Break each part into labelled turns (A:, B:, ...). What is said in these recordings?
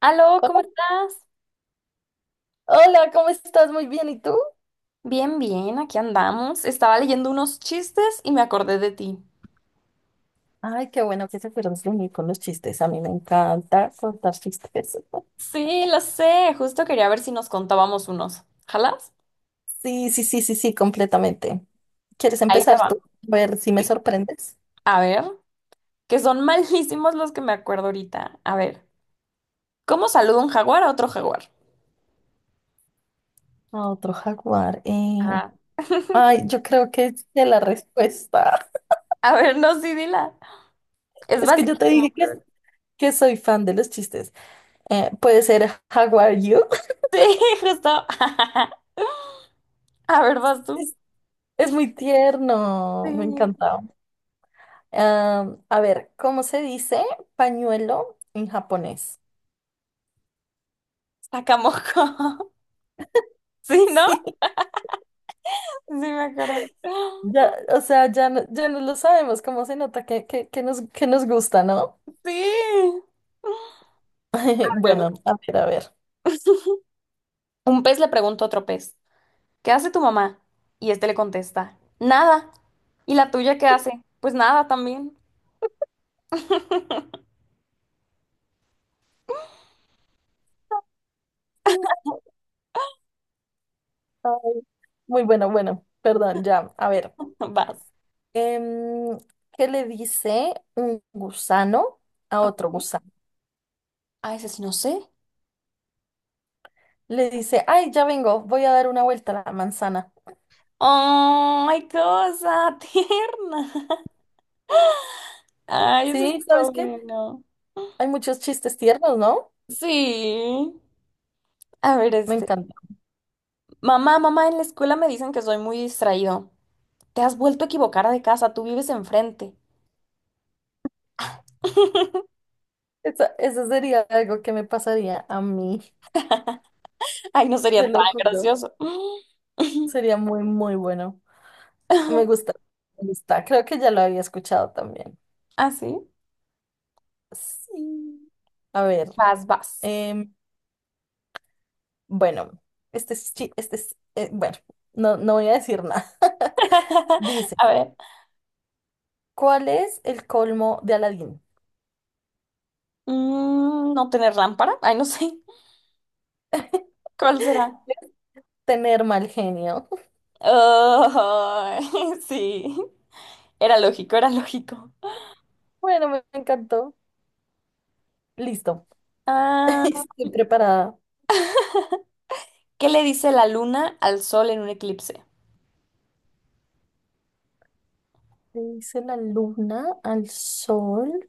A: Aló, ¿cómo estás?
B: Hola, ¿cómo estás? Muy bien, ¿y tú?
A: Bien, bien, aquí andamos. Estaba leyendo unos chistes y me acordé de ti.
B: Ay, qué bueno que se fueron de mí con los chistes. A mí me encanta contar chistes.
A: Sí, lo sé, justo quería ver si nos contábamos unos. ¿Jalas?
B: Sí, sí, sí, sí, sí, completamente. ¿Quieres
A: Ahí te
B: empezar
A: va.
B: tú? A ver si me
A: Sí.
B: sorprendes.
A: A ver, que son malísimos los que me acuerdo ahorita. A ver, ¿cómo saluda un jaguar a otro jaguar?
B: A otro jaguar.
A: Ah.
B: Ay, yo creo que sé la respuesta.
A: A ver, no, sí, dila. Es
B: Es que yo te
A: basiquísimo.
B: dije que soy fan de los chistes. Puede ser Jaguar You.
A: Sí, justo. A ver, vas tú.
B: Es, es muy tierno, me
A: Sí.
B: encanta. A ver, ¿cómo se dice pañuelo en japonés?
A: Sacamoco. Sí, ¿no?
B: Sí.
A: Sí, me acuerdo.
B: Ya, o sea, ya no, ya no lo sabemos, cómo se nota que nos, que nos gusta, ¿no?
A: Sí.
B: Bueno,
A: Claro.
B: a ver, a ver.
A: Un pez le pregunta a otro pez, ¿qué hace tu mamá? Y este le contesta, nada. ¿Y la tuya qué hace? Pues nada también.
B: Sí, ay, muy bueno, bueno, perdón, ya, a ver.
A: Vas.
B: Em, ¿Qué le dice un gusano a otro gusano?
A: Ay, ese sí no sé.
B: Le dice, ay, ya vengo, voy a dar una vuelta a la manzana.
A: ¡Ay, cosa tierna! Ay, eso
B: Sí, ¿sabes
A: estuvo
B: qué?
A: bueno.
B: Hay muchos chistes tiernos, ¿no?
A: Sí. A ver,
B: Me
A: este.
B: encanta.
A: Mamá, mamá, en la escuela me dicen que soy muy distraído. Te has vuelto a equivocar de casa, tú vives enfrente.
B: Eso sería algo que me pasaría a mí,
A: Ay, no
B: te
A: sería tan
B: lo juro.
A: gracioso.
B: Sería muy, muy bueno. Me gusta, me gusta. Creo que ya lo había escuchado también.
A: ¿Ah sí?
B: Sí. A ver,
A: Vas, vas.
B: em, bueno, este es, bueno, no, no voy a decir nada. Dice,
A: A ver,
B: ¿cuál es el colmo de Aladín?
A: mm, no tener lámpara. Ay, no sé. ¿Cuál será?
B: Tener mal genio.
A: Oh, sí. Era lógico, era lógico.
B: Bueno, me encantó. Listo.
A: Ah,
B: Estoy preparada.
A: ¿qué le dice la luna al sol en un eclipse?
B: ¿Qué dice la luna al sol?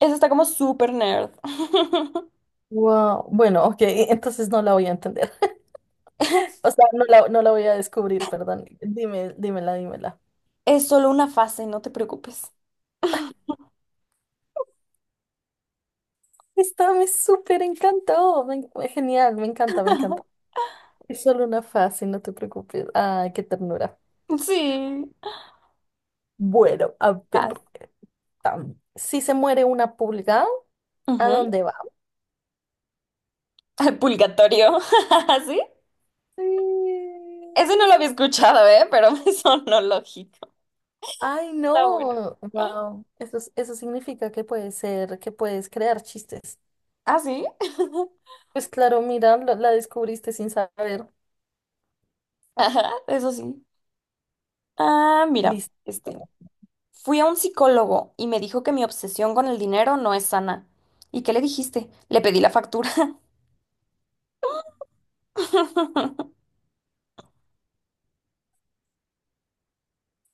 A: Eso está como súper nerd.
B: Wow. Bueno, ok, entonces no la voy a entender. O sea, no la voy a descubrir, perdón. Dime, dímela, dímela.
A: Es solo una fase, no te preocupes.
B: Esta me súper encantó. Genial, me encanta, me encanta. Es solo una fase, no te preocupes. Ay, qué ternura.
A: Sí.
B: Bueno, a ver.
A: Ah,
B: Si se muere una pulga, ¿a
A: ujú.
B: dónde va?
A: Al purgatorio. ¿Sí? Ese no lo
B: Sí.
A: había escuchado, ¿eh? Pero me sonó lógico.
B: Ay,
A: Está bueno.
B: no. Wow. Eso, eso significa que puedes ser, que puedes crear chistes.
A: ¿Ah, sí?
B: Pues claro, mira, la descubriste sin saber.
A: Ajá, eso sí. Ah, mira,
B: Listo.
A: este, fui a un psicólogo y me dijo que mi obsesión con el dinero no es sana. ¿Y qué le dijiste? Le pedí la factura.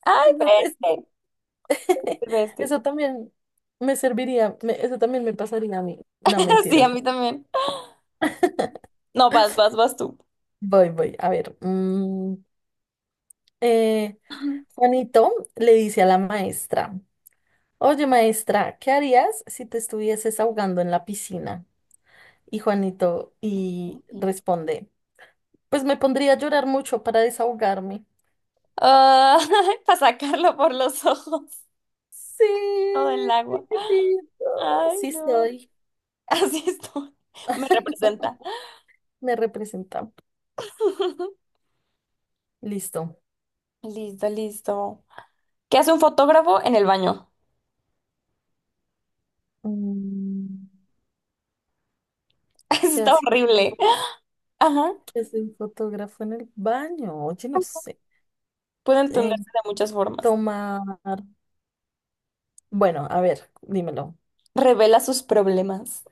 A: Ay,
B: Eso, te-
A: veste, veste.
B: Eso también eso también me pasaría a mí. No,
A: Sí, a
B: mentiras.
A: mí también. No, vas, vas, vas tú.
B: Voy, voy. A ver. Eh, Juanito le dice a la maestra, oye maestra, ¿qué harías si te estuvieses ahogando en la piscina? Y Juanito y
A: Ok.
B: responde, pues me pondría a llorar mucho para desahogarme.
A: Ah, para sacarlo por los ojos,
B: Sí,
A: todo el agua.
B: sí, qué lindo.
A: Ay,
B: Sí
A: no.
B: estoy.
A: Así estoy. Me representa.
B: Me representa. Listo.
A: Listo, listo. ¿Qué hace un fotógrafo en el baño?
B: Mm,
A: Eso
B: ¿Qué
A: está
B: hace un
A: horrible. Ajá.
B: qué hace un fotógrafo en el baño? Oye, no sé.
A: Puede entenderse
B: Eh,
A: de muchas formas.
B: Tomar. Bueno, a ver, dímelo.
A: Revela sus problemas.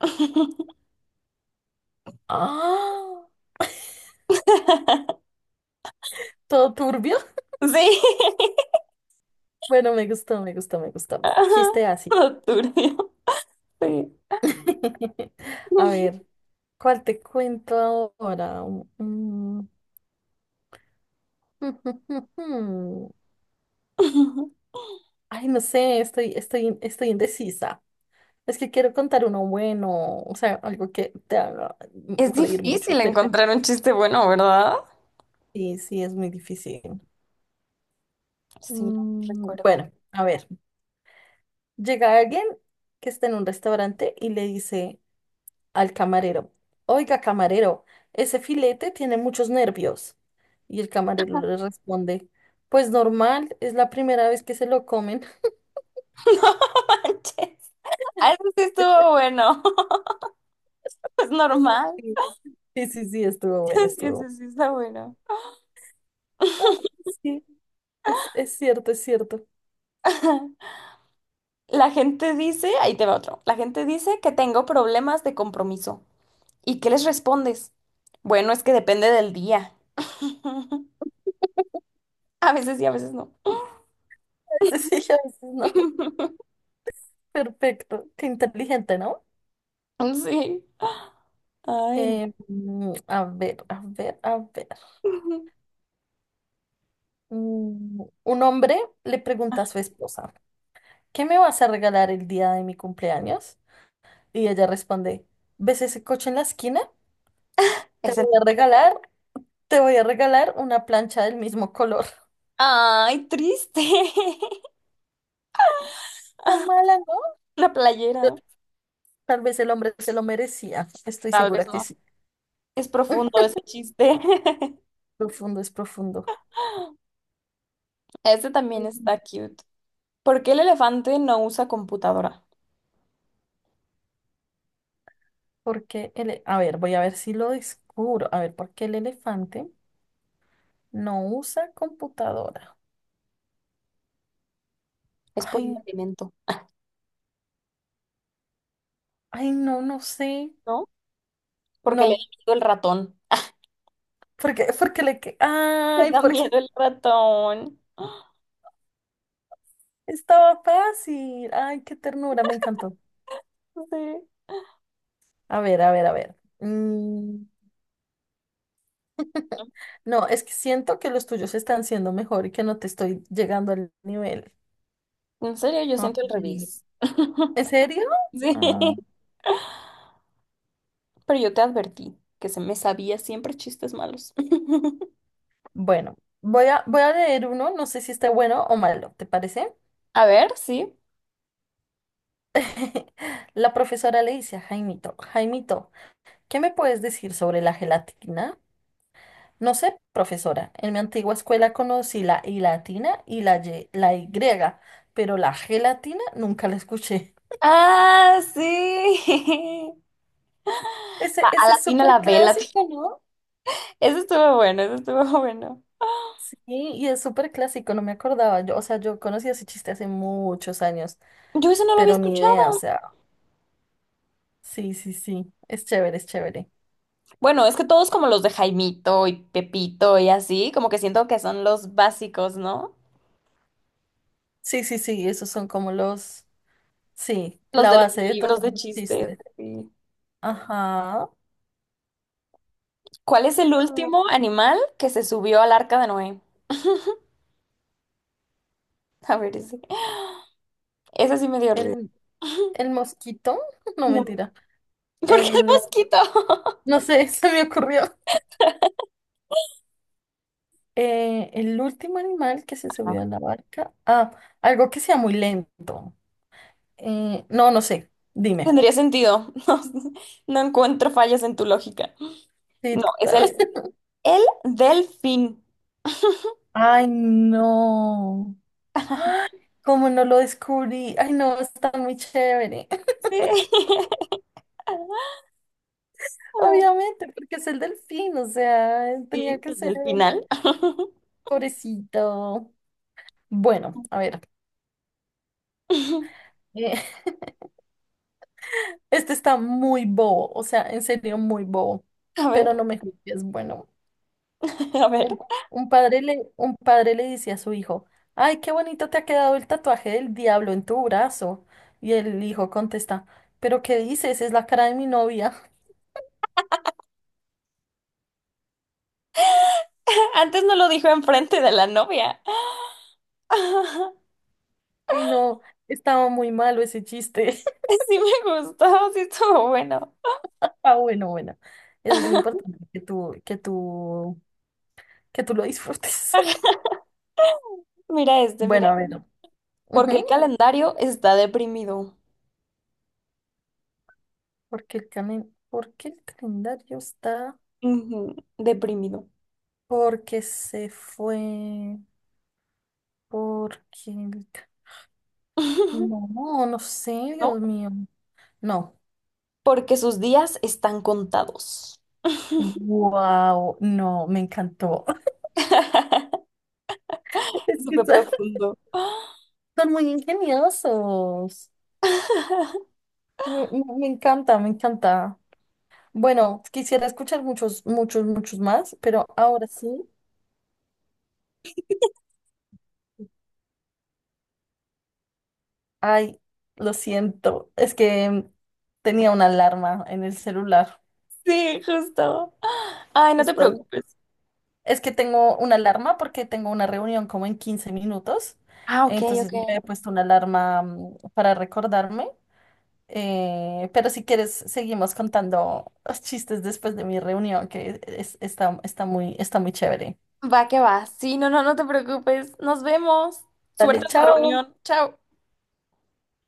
B: ¡Ah! ¿Todo turbio?
A: Sí.
B: Bueno, me gustó, me gustó, me gustó.
A: Ajá.
B: Chiste así.
A: Lo turbio. Sí.
B: A ver, ¿cuál te cuento ahora? Mm, mm, Ay, no sé, estoy, estoy, estoy indecisa. Es que quiero contar uno bueno, o sea, algo que te haga
A: Es
B: reír mucho,
A: difícil
B: pero
A: encontrar un chiste bueno, ¿verdad?
B: sí, sí, es muy difícil.
A: Sí, no recuerdo.
B: Bueno, a ver, llega alguien que está en un restaurante y le dice al camarero, oiga, camarero, ese filete tiene muchos nervios. Y el camarero le responde, pues normal, es la primera vez que se lo comen.
A: No manches. Ah, eso sí estuvo bueno. Es normal.
B: Sí, sí, sí, sí, estuvo bueno,
A: Sí,
B: estuvo
A: eso
B: bueno.
A: sí está bueno.
B: Ah, sí, es cierto, es cierto.
A: La gente dice, ahí te va otro. La gente dice que tengo problemas de compromiso. ¿Y qué les respondes? Bueno, es que depende del día. A veces sí, a veces no.
B: A veces sí, a veces no. Perfecto. Qué inteligente, ¿no?
A: Sí. Ay, no.
B: A ver, a ver, a ver. Un hombre le pregunta a su esposa, ¿qué me vas a regalar el día de mi cumpleaños? Y ella responde, ¿ves ese coche en la esquina? Te
A: Ese
B: voy a
A: no.
B: regalar, te voy a regalar una plancha del mismo color.
A: Ay, triste.
B: ¿Tan mala, ¿no?
A: La playera.
B: Pero tal vez el hombre se lo merecía. Estoy
A: Tal
B: segura
A: vez
B: que
A: no.
B: sí.
A: Es profundo ese chiste.
B: Profundo es profundo.
A: Este también está cute. ¿Por qué el elefante no usa computadora?
B: A ver, voy a ver si lo descubro. A ver, ¿por qué el elefante no usa computadora?
A: Es por un
B: Ay,
A: alimento,
B: ay, no, no sé.
A: ¿no? Porque le da
B: No,
A: miedo el ratón. Le
B: ay,
A: da
B: porque
A: miedo el ratón.
B: estaba fácil. Ay, qué ternura, me encantó.
A: Sí.
B: A ver, a ver, a ver. No, es que siento que los tuyos están siendo mejor y que no te estoy llegando al nivel.
A: En serio, yo
B: No,
A: siento el
B: sí.
A: revés.
B: ¿En serio?
A: Sí.
B: Ah,
A: Pero yo te advertí que se me sabía siempre chistes malos.
B: bueno, voy a leer uno, no sé si está bueno o malo, ¿te parece?
A: A ver, sí.
B: La profesora le dice a Jaimito, Jaimito, ¿qué me puedes decir sobre la gelatina? No sé, profesora, en mi antigua escuela conocí la I latina y la Y griega, pero la gelatina nunca la escuché.
A: Ah, sí.
B: Ese,
A: Va, a
B: ese
A: la
B: es
A: tina la
B: súper
A: vela.
B: clásico.
A: Eso estuvo bueno, eso estuvo bueno.
B: Sí, y es súper clásico, no me acordaba. Yo, o sea, yo conocí ese chiste hace muchos años,
A: Yo ese no lo había
B: pero ni idea, o
A: escuchado.
B: sea, sí, sí, sí, es chévere, es chévere.
A: Bueno, es que todos como los de Jaimito y Pepito y así, como que siento que son los básicos, ¿no?
B: Sí, sí, sí, esos son como los, sí,
A: Los
B: la
A: de los
B: base de todos
A: libros de
B: los
A: chistes.
B: chistes.
A: Sí.
B: Ajá.
A: ¿Cuál es el último
B: Mm,
A: animal que se subió al arca de Noé? A ver, ese. Ese sí me dio risa.
B: El, el mosquito, no
A: No.
B: mentira.
A: ¿Por qué el
B: El,
A: mosquito?
B: no sé, se me ocurrió. El último animal que se
A: Ah.
B: subió a la barca. Ah, algo que sea muy lento. No, no sé, dime.
A: Tendría sentido. No, no encuentro fallas en tu lógica.
B: Sí,
A: No, es
B: total.
A: el delfín.
B: Ay, no. Ay, ¿cómo no lo descubrí? Ay, no, está muy chévere.
A: Sí.
B: Obviamente, porque es el delfín, o sea, tenía
A: Sí,
B: que
A: desde
B: ser
A: el
B: el
A: final.
B: pobrecito. Bueno, a ver. eh, este está muy bobo, o sea, en serio, muy bobo.
A: A ver,
B: Pero no me juzgues. Bueno,
A: a ver.
B: un, un padre le dice a su hijo: ay, qué bonito te ha quedado el tatuaje del diablo en tu brazo. Y el hijo contesta: ¿pero qué dices? Es la cara de mi novia.
A: Antes no lo dijo enfrente de la novia.
B: Ay, no, estaba muy malo ese chiste.
A: Sí me gustó, sí estuvo bueno.
B: Ah, bueno, bueno. Eso es lo importante, que tú lo disfrutes.
A: Mira este, mira.
B: Bueno, a ver.
A: Porque el
B: ujú,
A: calendario está deprimido.
B: Porque el ¿por qué el calendario está?
A: Ujú, deprimido.
B: Porque se fue. Porque el ca- No, no sé,
A: ¿No?
B: Dios mío. No.
A: Porque sus días están contados.
B: Wow, no, me encantó. Es que
A: Súper profundo.
B: son muy ingeniosos. Me encanta, me encanta. Bueno, quisiera escuchar muchos, muchos, muchos más, pero ahora sí, ay, lo siento, es que tenía una alarma en el celular,
A: Sí, justo. Ay, no te
B: justo.
A: preocupes.
B: Es que tengo una alarma porque tengo una reunión como en 15 minutos,
A: Ah, ok,
B: entonces
A: ok.
B: yo he puesto una alarma para recordarme, pero si quieres seguimos contando los chistes después de mi reunión, está, está muy chévere.
A: Va que va. Sí, no, no, no te preocupes. Nos vemos. Suerte
B: Dale,
A: en tu
B: chao.
A: reunión. Chao.